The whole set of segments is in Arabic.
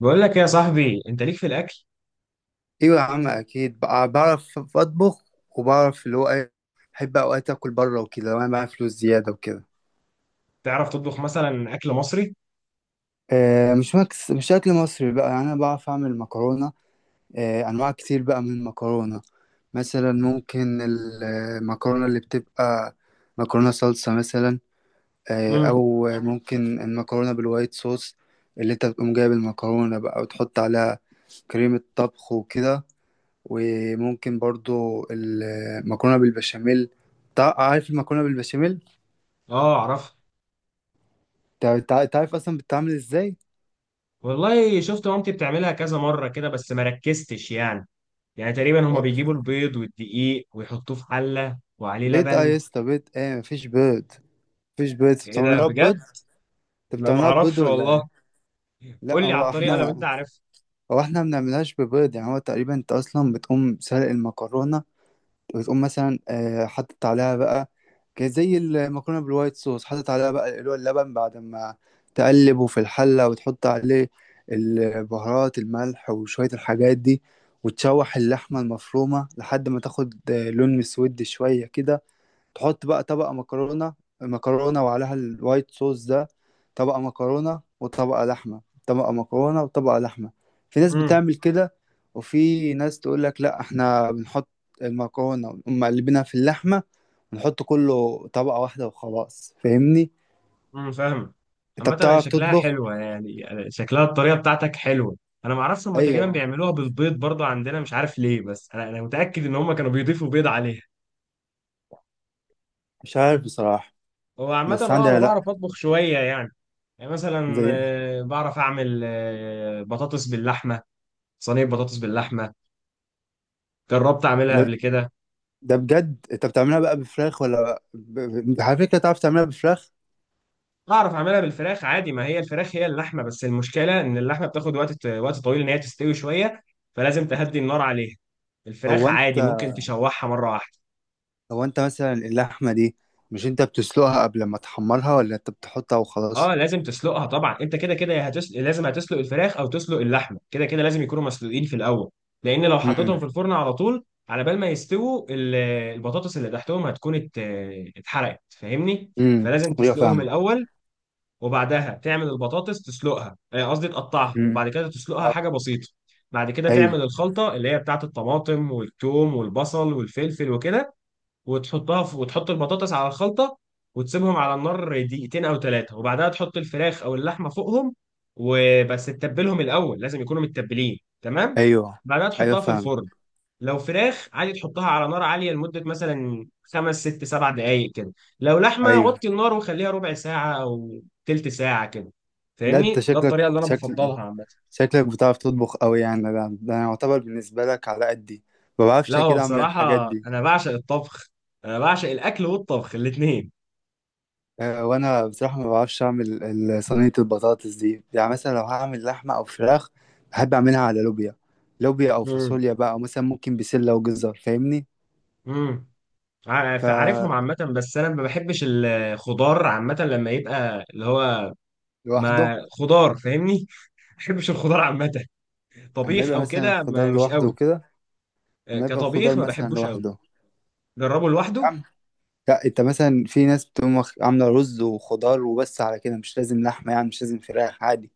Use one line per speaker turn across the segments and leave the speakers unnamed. بقول لك إيه يا صاحبي، انت ليك في الاكل.
ايوه، يا عم، اكيد بعرف اطبخ، وبعرف اللي هو ايه. بحب اوقات اكل بره وكده لو انا معايا فلوس زياده وكده.
تعرف تطبخ مثلا اكل مصري؟
آه، مش اكل مصري بقى، يعني انا بعرف اعمل مكرونه. آه، انواع كتير بقى من المكرونه. مثلا ممكن المكرونه اللي بتبقى مكرونه صلصه مثلا. آه،
امم.
او ممكن المكرونه بالوايت صوص، اللي انت بتقوم جايب المكرونه بقى وتحط عليها كريمه طبخ وكده. وممكن برضو المكرونة بالبشاميل. عارف المكرونة بالبشاميل؟
اه، اعرف.
تعرف أصلا بتتعمل إزاي؟
والله شفت مامتي بتعملها كذا مره كده بس ما ركزتش يعني. يعني تقريبا هما
و-
بيجيبوا البيض والدقيق ويحطوه في حله وعليه
بيض؟ اه
لبن.
يا اسطى، بيض ايه؟ مفيش بيض. مفيش بيض، انت
ايه ده
بتعملها
بجد؟
بيض؟ انت
لا، ما
بتعملها بيض
اعرفش
ولا ايه؟
والله.
لا،
قول لي على الطريقه لو انت عارف.
هو احنا ما بنعملهاش ببيض. يعني هو تقريبا انت اصلا بتقوم سلق المكرونة، وتقوم مثلا حاطط عليها بقى، زي المكرونه بالوايت صوص، حاطط عليها بقى اللي هو اللبن، بعد ما تقلبه في الحله وتحط عليه البهارات، الملح، وشويه الحاجات دي. وتشوح اللحمه المفرومه لحد ما تاخد لون مسود شويه كده. تحط بقى طبقة مكرونة وعليها الوايت صوص ده. طبقة مكرونة وطبقة لحمة، طبقة مكرونة وطبقة لحمة. في ناس
امم.
بتعمل كده. وفي ناس تقول لك لا، احنا بنحط المكرونة ونقوم مقلبينها في اللحمة ونحط كله طبقة واحدة وخلاص، فاهمني؟
امم، فاهم.
انت
عامه هي
بتعرف
شكلها
تطبخ.
حلوه، يعني شكلها الطريقه بتاعتك حلوه. انا ما اعرفش، هما تقريبا
ايوه،
بيعملوها بالبيض برضه عندنا، مش عارف ليه، بس انا متاكد ان هما كانوا بيضيفوا بيض عليها.
مش عارف بصراحة.
هو عامة
بس
اه انا
عندي، لا.
بعرف اطبخ شوية يعني. يعني مثلا
زي.
بعرف اعمل بطاطس باللحمة. صينية بطاطس باللحمة، جربت اعملها
ده
قبل كده.
ده بجد، انت بتعملها بقى بفراخ ولا على فكرة، تعرف تعملها بفراخ؟
اعرف اعملها بالفراخ عادي، ما هي الفراخ هي اللحمة، بس المشكلة ان اللحمة بتاخد وقت طويل ان هي تستوي شوية، فلازم تهدي النار عليها. الفراخ
هو انت
عادي ممكن تشوحها مرة واحدة.
هو انت مثلا اللحمه دي، مش انت بتسلقها قبل ما تحمرها، ولا انت بتحطها
اه
وخلاص؟
لازم تسلقها طبعا، انت كده كده هتسلق، لازم هتسلق الفراخ او تسلق اللحمه كده كده، لازم يكونوا مسلوقين في الاول. لان لو حطيتهم
امم.
في الفرن على طول، على بال ما يستووا البطاطس اللي تحتهم هتكون اتحرقت، فاهمني؟
امم،
فلازم
ايوه فاهم.
تسلقهم الاول، وبعدها تعمل البطاطس تسلقها، قصدي تقطعها،
امم.
وبعد كده تسلقها
اه،
حاجه بسيطه. بعد كده
ايوه.
تعمل الخلطه اللي هي بتاعت الطماطم والثوم والبصل والفلفل وكده، وتحطها في، وتحط البطاطس على الخلطة، وتسيبهم على النار دقيقتين أو 3، وبعدها تحط الفراخ أو اللحمة فوقهم. وبس تتبلهم الأول، لازم يكونوا متبلين تمام.
ايوه.
بعدها
ايوه
تحطها في
فاهم.
الفرن. لو فراخ عادي تحطها على نار عالية لمدة مثلا 5 6 7 دقايق كده. لو لحمة
ايوه.
غطي النار وخليها ربع ساعة أو تلت ساعة كده.
لا، انت
فاهمني، ده
شكلك
الطريقة اللي أنا
شكل
بفضلها عامة.
شكلك بتعرف تطبخ قوي يعني. ده انا يعتبر بالنسبه لك على قدي، ما
لا
بعرفش اكيد
هو
اعمل الحاجات
بصراحة
دي.
أنا بعشق الطبخ، أنا بعشق الأكل والطبخ الاتنين.
اه، وانا بصراحه ما بعرفش اعمل صينيه البطاطس دي. يعني مثلا لو هعمل لحمه او فراخ، بحب اعملها على لوبيا، لوبيا او
مم.
فاصوليا بقى، او مثلا ممكن بسله وجزر، فاهمني؟
مم. عارفهم عامة، بس أنا ما بحبش الخضار عامة لما يبقى اللي هو
لوحده.
ما خضار، فاهمني؟ ما بحبش الخضار عامة،
اما
طبيخ
يبقى
أو
مثلا
كده
خضار
مش
لوحده
قوي.
وكده. اما يبقى خضار
كطبيخ ما
مثلا
بحبوش قوي.
لوحده.
جربه
يا
لوحده.
عم، لا، انت مثلا في ناس بتقوم عامله رز وخضار وبس، على كده مش لازم لحمه، يعني مش لازم فراخ عادي.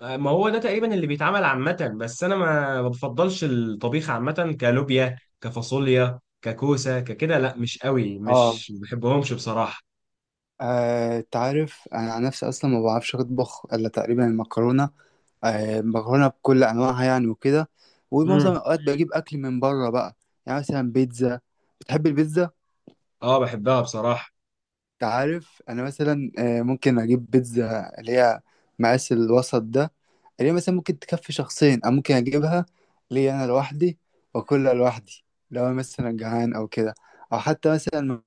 ما هو ده تقريبا اللي بيتعمل عامة، بس أنا ما بفضلش الطبيخ عامة، كلوبيا كفاصوليا ككوسة ككده، لا مش قوي،
اه،
مش ما بحبهمش بصراحة.
آه، تعرف انا عن نفسي اصلا ما بعرفش اطبخ الا تقريبا المكرونه. آه، مكرونه بكل انواعها يعني وكده. ومعظم
امم.
الاوقات بجيب اكل من بره بقى. يعني مثلا بيتزا. بتحب البيتزا؟
اه بحبها بصراحة.
تعرف انا مثلا ممكن اجيب بيتزا اللي هي مقاس الوسط ده، اللي هي مثلا ممكن تكفي شخصين، او ممكن اجيبها ليا انا لوحدي واكلها لوحدي لو انا مثلا جعان او كده، او حتى مثلا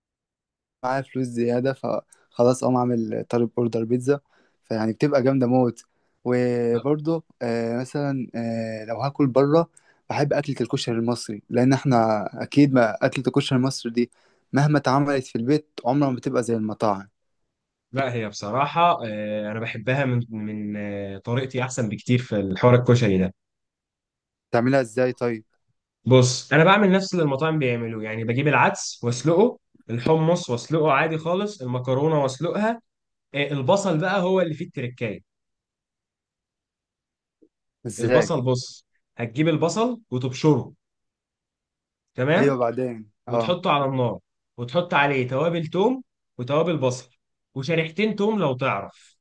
معايا فلوس زياده، فخلاص اقوم اعمل طالب اوردر بيتزا، فيعني بتبقى جامده موت. وبرضه مثلا لو هاكل بره، بحب اكله الكشري المصري، لان احنا اكيد ما اكله الكشري المصري دي مهما اتعملت في البيت عمرها ما بتبقى زي المطاعم.
لا هي بصراحة أنا بحبها من طريقتي أحسن بكتير في الحوار الكشري ده.
تعملها ازاي طيب؟
بص أنا بعمل نفس اللي المطاعم بيعملوه، يعني بجيب العدس وأسلقه، الحمص وأسلقه عادي خالص، المكرونة وأسلقها. البصل بقى هو اللي فيه التركاية.
ازاي؟
البصل، بص، هتجيب البصل وتبشره،
ايوه،
تمام؟
بعدين، اه.
وتحطه على النار، وتحط عليه توابل توم وتوابل بصل وشريحتين توم لو تعرف،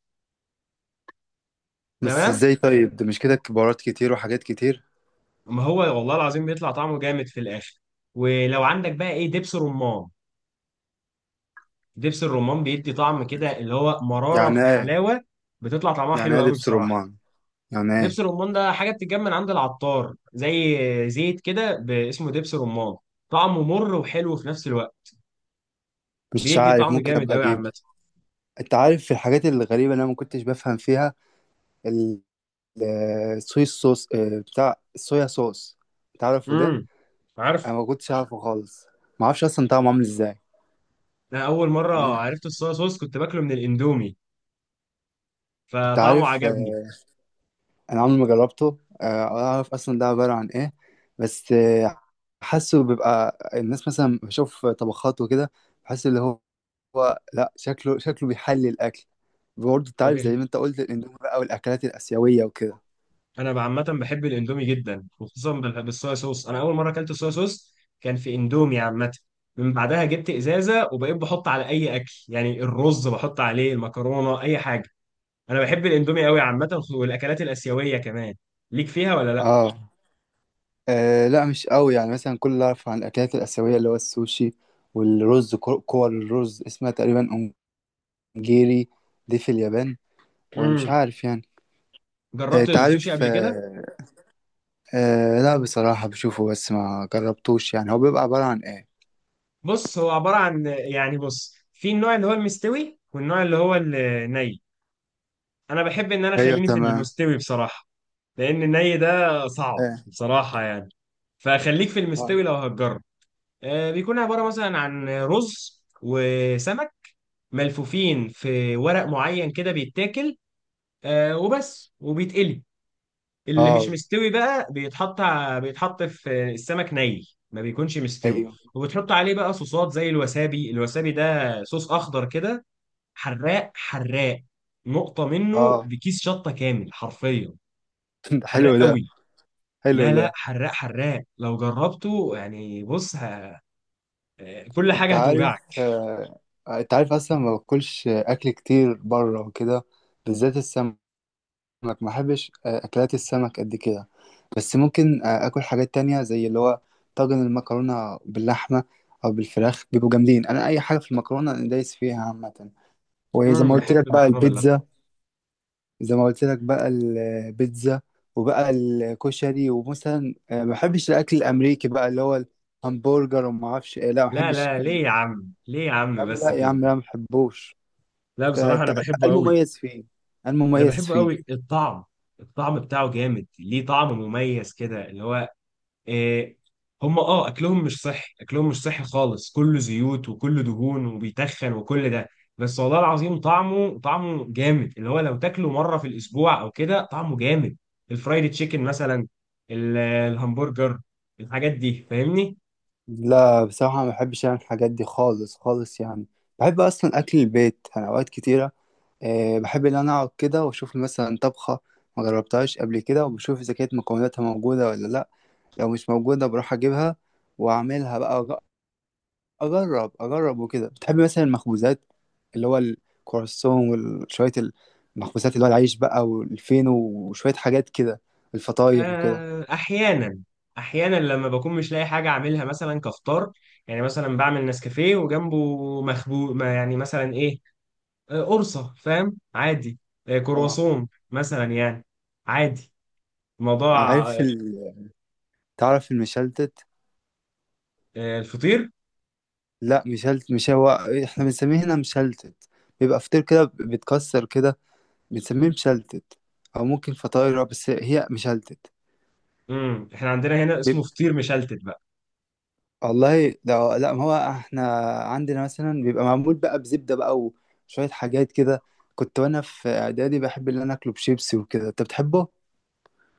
بس
تمام؟
ازاي طيب؟ ده مش كده بهارات كتير وحاجات كتير؟
ما هو والله العظيم بيطلع طعمه جامد في الآخر. ولو عندك بقى إيه دبس رمان، دبس الرمان بيدي طعم كده اللي هو مرارة
يعني
في
ايه؟
حلاوة، بتطلع طعمها
يعني
حلو
ايه
قوي
دبس
بصراحة.
رمان؟ يعني ايه؟
دبس الرمان ده حاجة بتتجمع من عند العطار، زي زيت كده، اسمه دبس رمان، طعمه مر وحلو في نفس الوقت.
مش
بيدي
عارف،
طعم
ممكن
جامد
ابقى
قوي
اجيب.
عامة.
انت عارف، في الحاجات الغريبه اللي انا ما كنتش بفهم فيها، ال- الصويا صوص، بتاع الصويا صوص، تعرفوا ده؟
امم. عارف.
انا ما كنتش اعرفه خالص. ما اعرفش اصلا طعمه عامل ازاي.
انا اول مرة
مم.
عرفت الصويا صوص كنت باكله من الاندومي،
انت
فطعمه
عارف،
عجبني.
انا عمري ما جربته، ولا اعرف اصلا ده عبارة عن ايه. بس حاسه بيبقى الناس مثلا، بشوف طبخات وكده، بحس اللي هو، هو لا، شكله بيحلي الاكل. برضه انت عارف، زي ما انت قلت، الاندومي بقى والاكلات الاسيوية وكده.
انا عامه بحب الاندومي جدا، وخصوصا بالصويا صوص. انا اول مره اكلت صويا صوص كان في اندومي عامه. من بعدها جبت ازازه وبقيت بحط على اي اكل، يعني الرز بحط عليه، المكرونه، اي حاجه. انا بحب الاندومي قوي عامه، والاكلات الاسيويه كمان. ليك فيها ولا لا؟
اه. آه، لا مش قوي، يعني مثلا كل اللي اعرف عن الاكلات الاسيوية اللي هو السوشي، والرز كور الرز اسمها تقريبا، انجيري، دي في اليابان. ومش
امم.
عارف يعني.
جربت
انت
السوشي
عارف،
قبل كده.
آه لا، بصراحة بشوفه بس ما جربتوش. يعني هو بيبقى عبارة عن ايه؟
بص هو عباره عن، يعني بص في النوع اللي هو المستوي والنوع اللي هو الني. انا بحب ان انا
ايوه
خليني في
تمام.
المستوي بصراحه، لان الني ده صعب
ايه؟
بصراحه يعني. فخليك في
اه.
المستوي لو هتجرب. بيكون عباره مثلا عن رز وسمك ملفوفين في ورق معين كده بيتاكل، وبس وبيتقلي. اللي مش
آه،
مستوي بقى بيتحط بيتحط في السمك ني، ما بيكونش مستوي،
ايوه.
وبتحط عليه بقى صوصات زي الوسابي. الوسابي ده صوص اخضر كده، حراق حراق، نقطة منه
اه.
بكيس شطة كامل حرفيا.
ده
حراق
حلو ده.
قوي.
حلو
لا لا
ده.
حراق حراق لو جربته يعني، بص كل
انت
حاجة
عارف،
هتوجعك.
انت عارف اصلا ما باكلش اكل كتير بره وكده، بالذات السمك. ما بحبش اكلات السمك قد كده. بس ممكن اكل حاجات تانية زي اللي هو طاجن المكرونة باللحمة او بالفراخ، بيبقوا جامدين. انا اي حاجة في المكرونة انا دايس فيها عامة. وزي ما
امم،
قلت لك
بحب
بقى
المكرونة باللحمة.
البيتزا زي ما قلت لك بقى البيتزا، وبقى الكشري، ومثلا ما بحبش الاكل الامريكي بقى اللي هو الهمبرجر، وما اعرفش ايه، لا ما
لا
بحبش
لا
الكلام ده.
ليه يا عم ليه يا
يا
عم
عم لا،
بس
يا
كده.
عم لا، ما بحبوش.
لا
ت-
بصراحة أنا
ت-
بحبه قوي،
المميز فيه،
أنا
المميز
بحبه
فيه
قوي. الطعم، الطعم بتاعه جامد، ليه طعم مميز كده اللي هو إيه. هم اكلهم مش صحي، اكلهم مش صحي خالص، كله زيوت وكله دهون وبيتخن وكل ده، بس والله العظيم طعمه جامد اللي هو لو تاكله مره في الاسبوع او كده طعمه جامد. الفرايد تشيكن مثلا، الهمبرجر، الحاجات دي فاهمني؟
لا بصراحة ما بحبش يعني الحاجات دي خالص خالص يعني. بحب أصلا أكل البيت أنا أوقات كتيرة. أه، بحب إن أنا أقعد كده وأشوف مثلا طبخة ما جربتهاش قبل كده، وبشوف إذا كانت مكوناتها موجودة ولا لأ. لو مش موجودة بروح أجيبها وأعملها بقى. اجرب اجرب وكده. بتحبي مثلا المخبوزات، اللي هو الكرواسون وشويه المخبوزات، اللي هو العيش بقى والفينو وشويه حاجات كده، الفطاير وكده؟
آه احيانا. احيانا لما بكون مش لاقي حاجه اعملها مثلا كفطار، يعني مثلا بعمل نسكافيه وجنبه مخبوق ما يعني مثلا ايه، قرصة فاهم عادي،
اه،
كرواسون مثلا يعني، عادي. موضوع
عارف تعرف المشلتت؟
آه، الفطير.
لا، مش هو. احنا بنسميه هنا مشلتت، بيبقى فطير كده بيتكسر كده، بنسميه مشلتت، او ممكن فطاير بس هي مشلتت.
امم، احنا عندنا هنا اسمه فطير مشلتت بقى.
والله ده، لا، ما هو احنا عندنا مثلا بيبقى معمول بقى بزبدة بقى، وشوية حاجات كده. كنت وانا في اعدادي بحب ان انا اكله بشيبسي وكده، انت بتحبه؟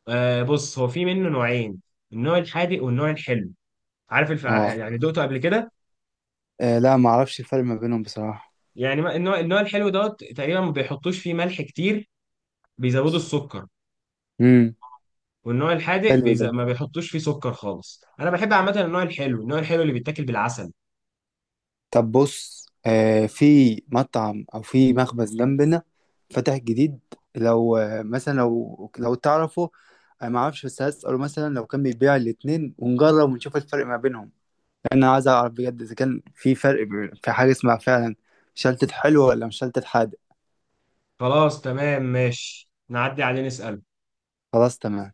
بص هو في منه نوعين، النوع الحادق والنوع الحلو. عارف
اه.
يعني دقته قبل كده؟
آه، لا ما اعرفش الفرق ما بينهم بصراحة.
يعني النوع الحلو دوت تقريبا ما بيحطوش فيه ملح كتير، بيزودوا السكر.
امم.
والنوع الحادق
حلو ده.
ما بيحطوش فيه سكر خالص. انا بحب عامه النوع الحلو، النوع الحلو اللي بيتاكل بالعسل.
طب بص، آه، في مطعم او في مخبز جنبنا فتح جديد، لو مثلا لو تعرفه، انا ما اعرفش، بس هسأله مثلا لو كان بيبيع الاتنين، ونجرب ونشوف الفرق ما بينهم. انا عايز اعرف بجد اذا كان في فرق، في حاجه اسمها فعلا مشلتت حلو ولا مشلتت حادق.
خلاص تمام ماشي، نعدي عليه نسأل.
خلاص تمام.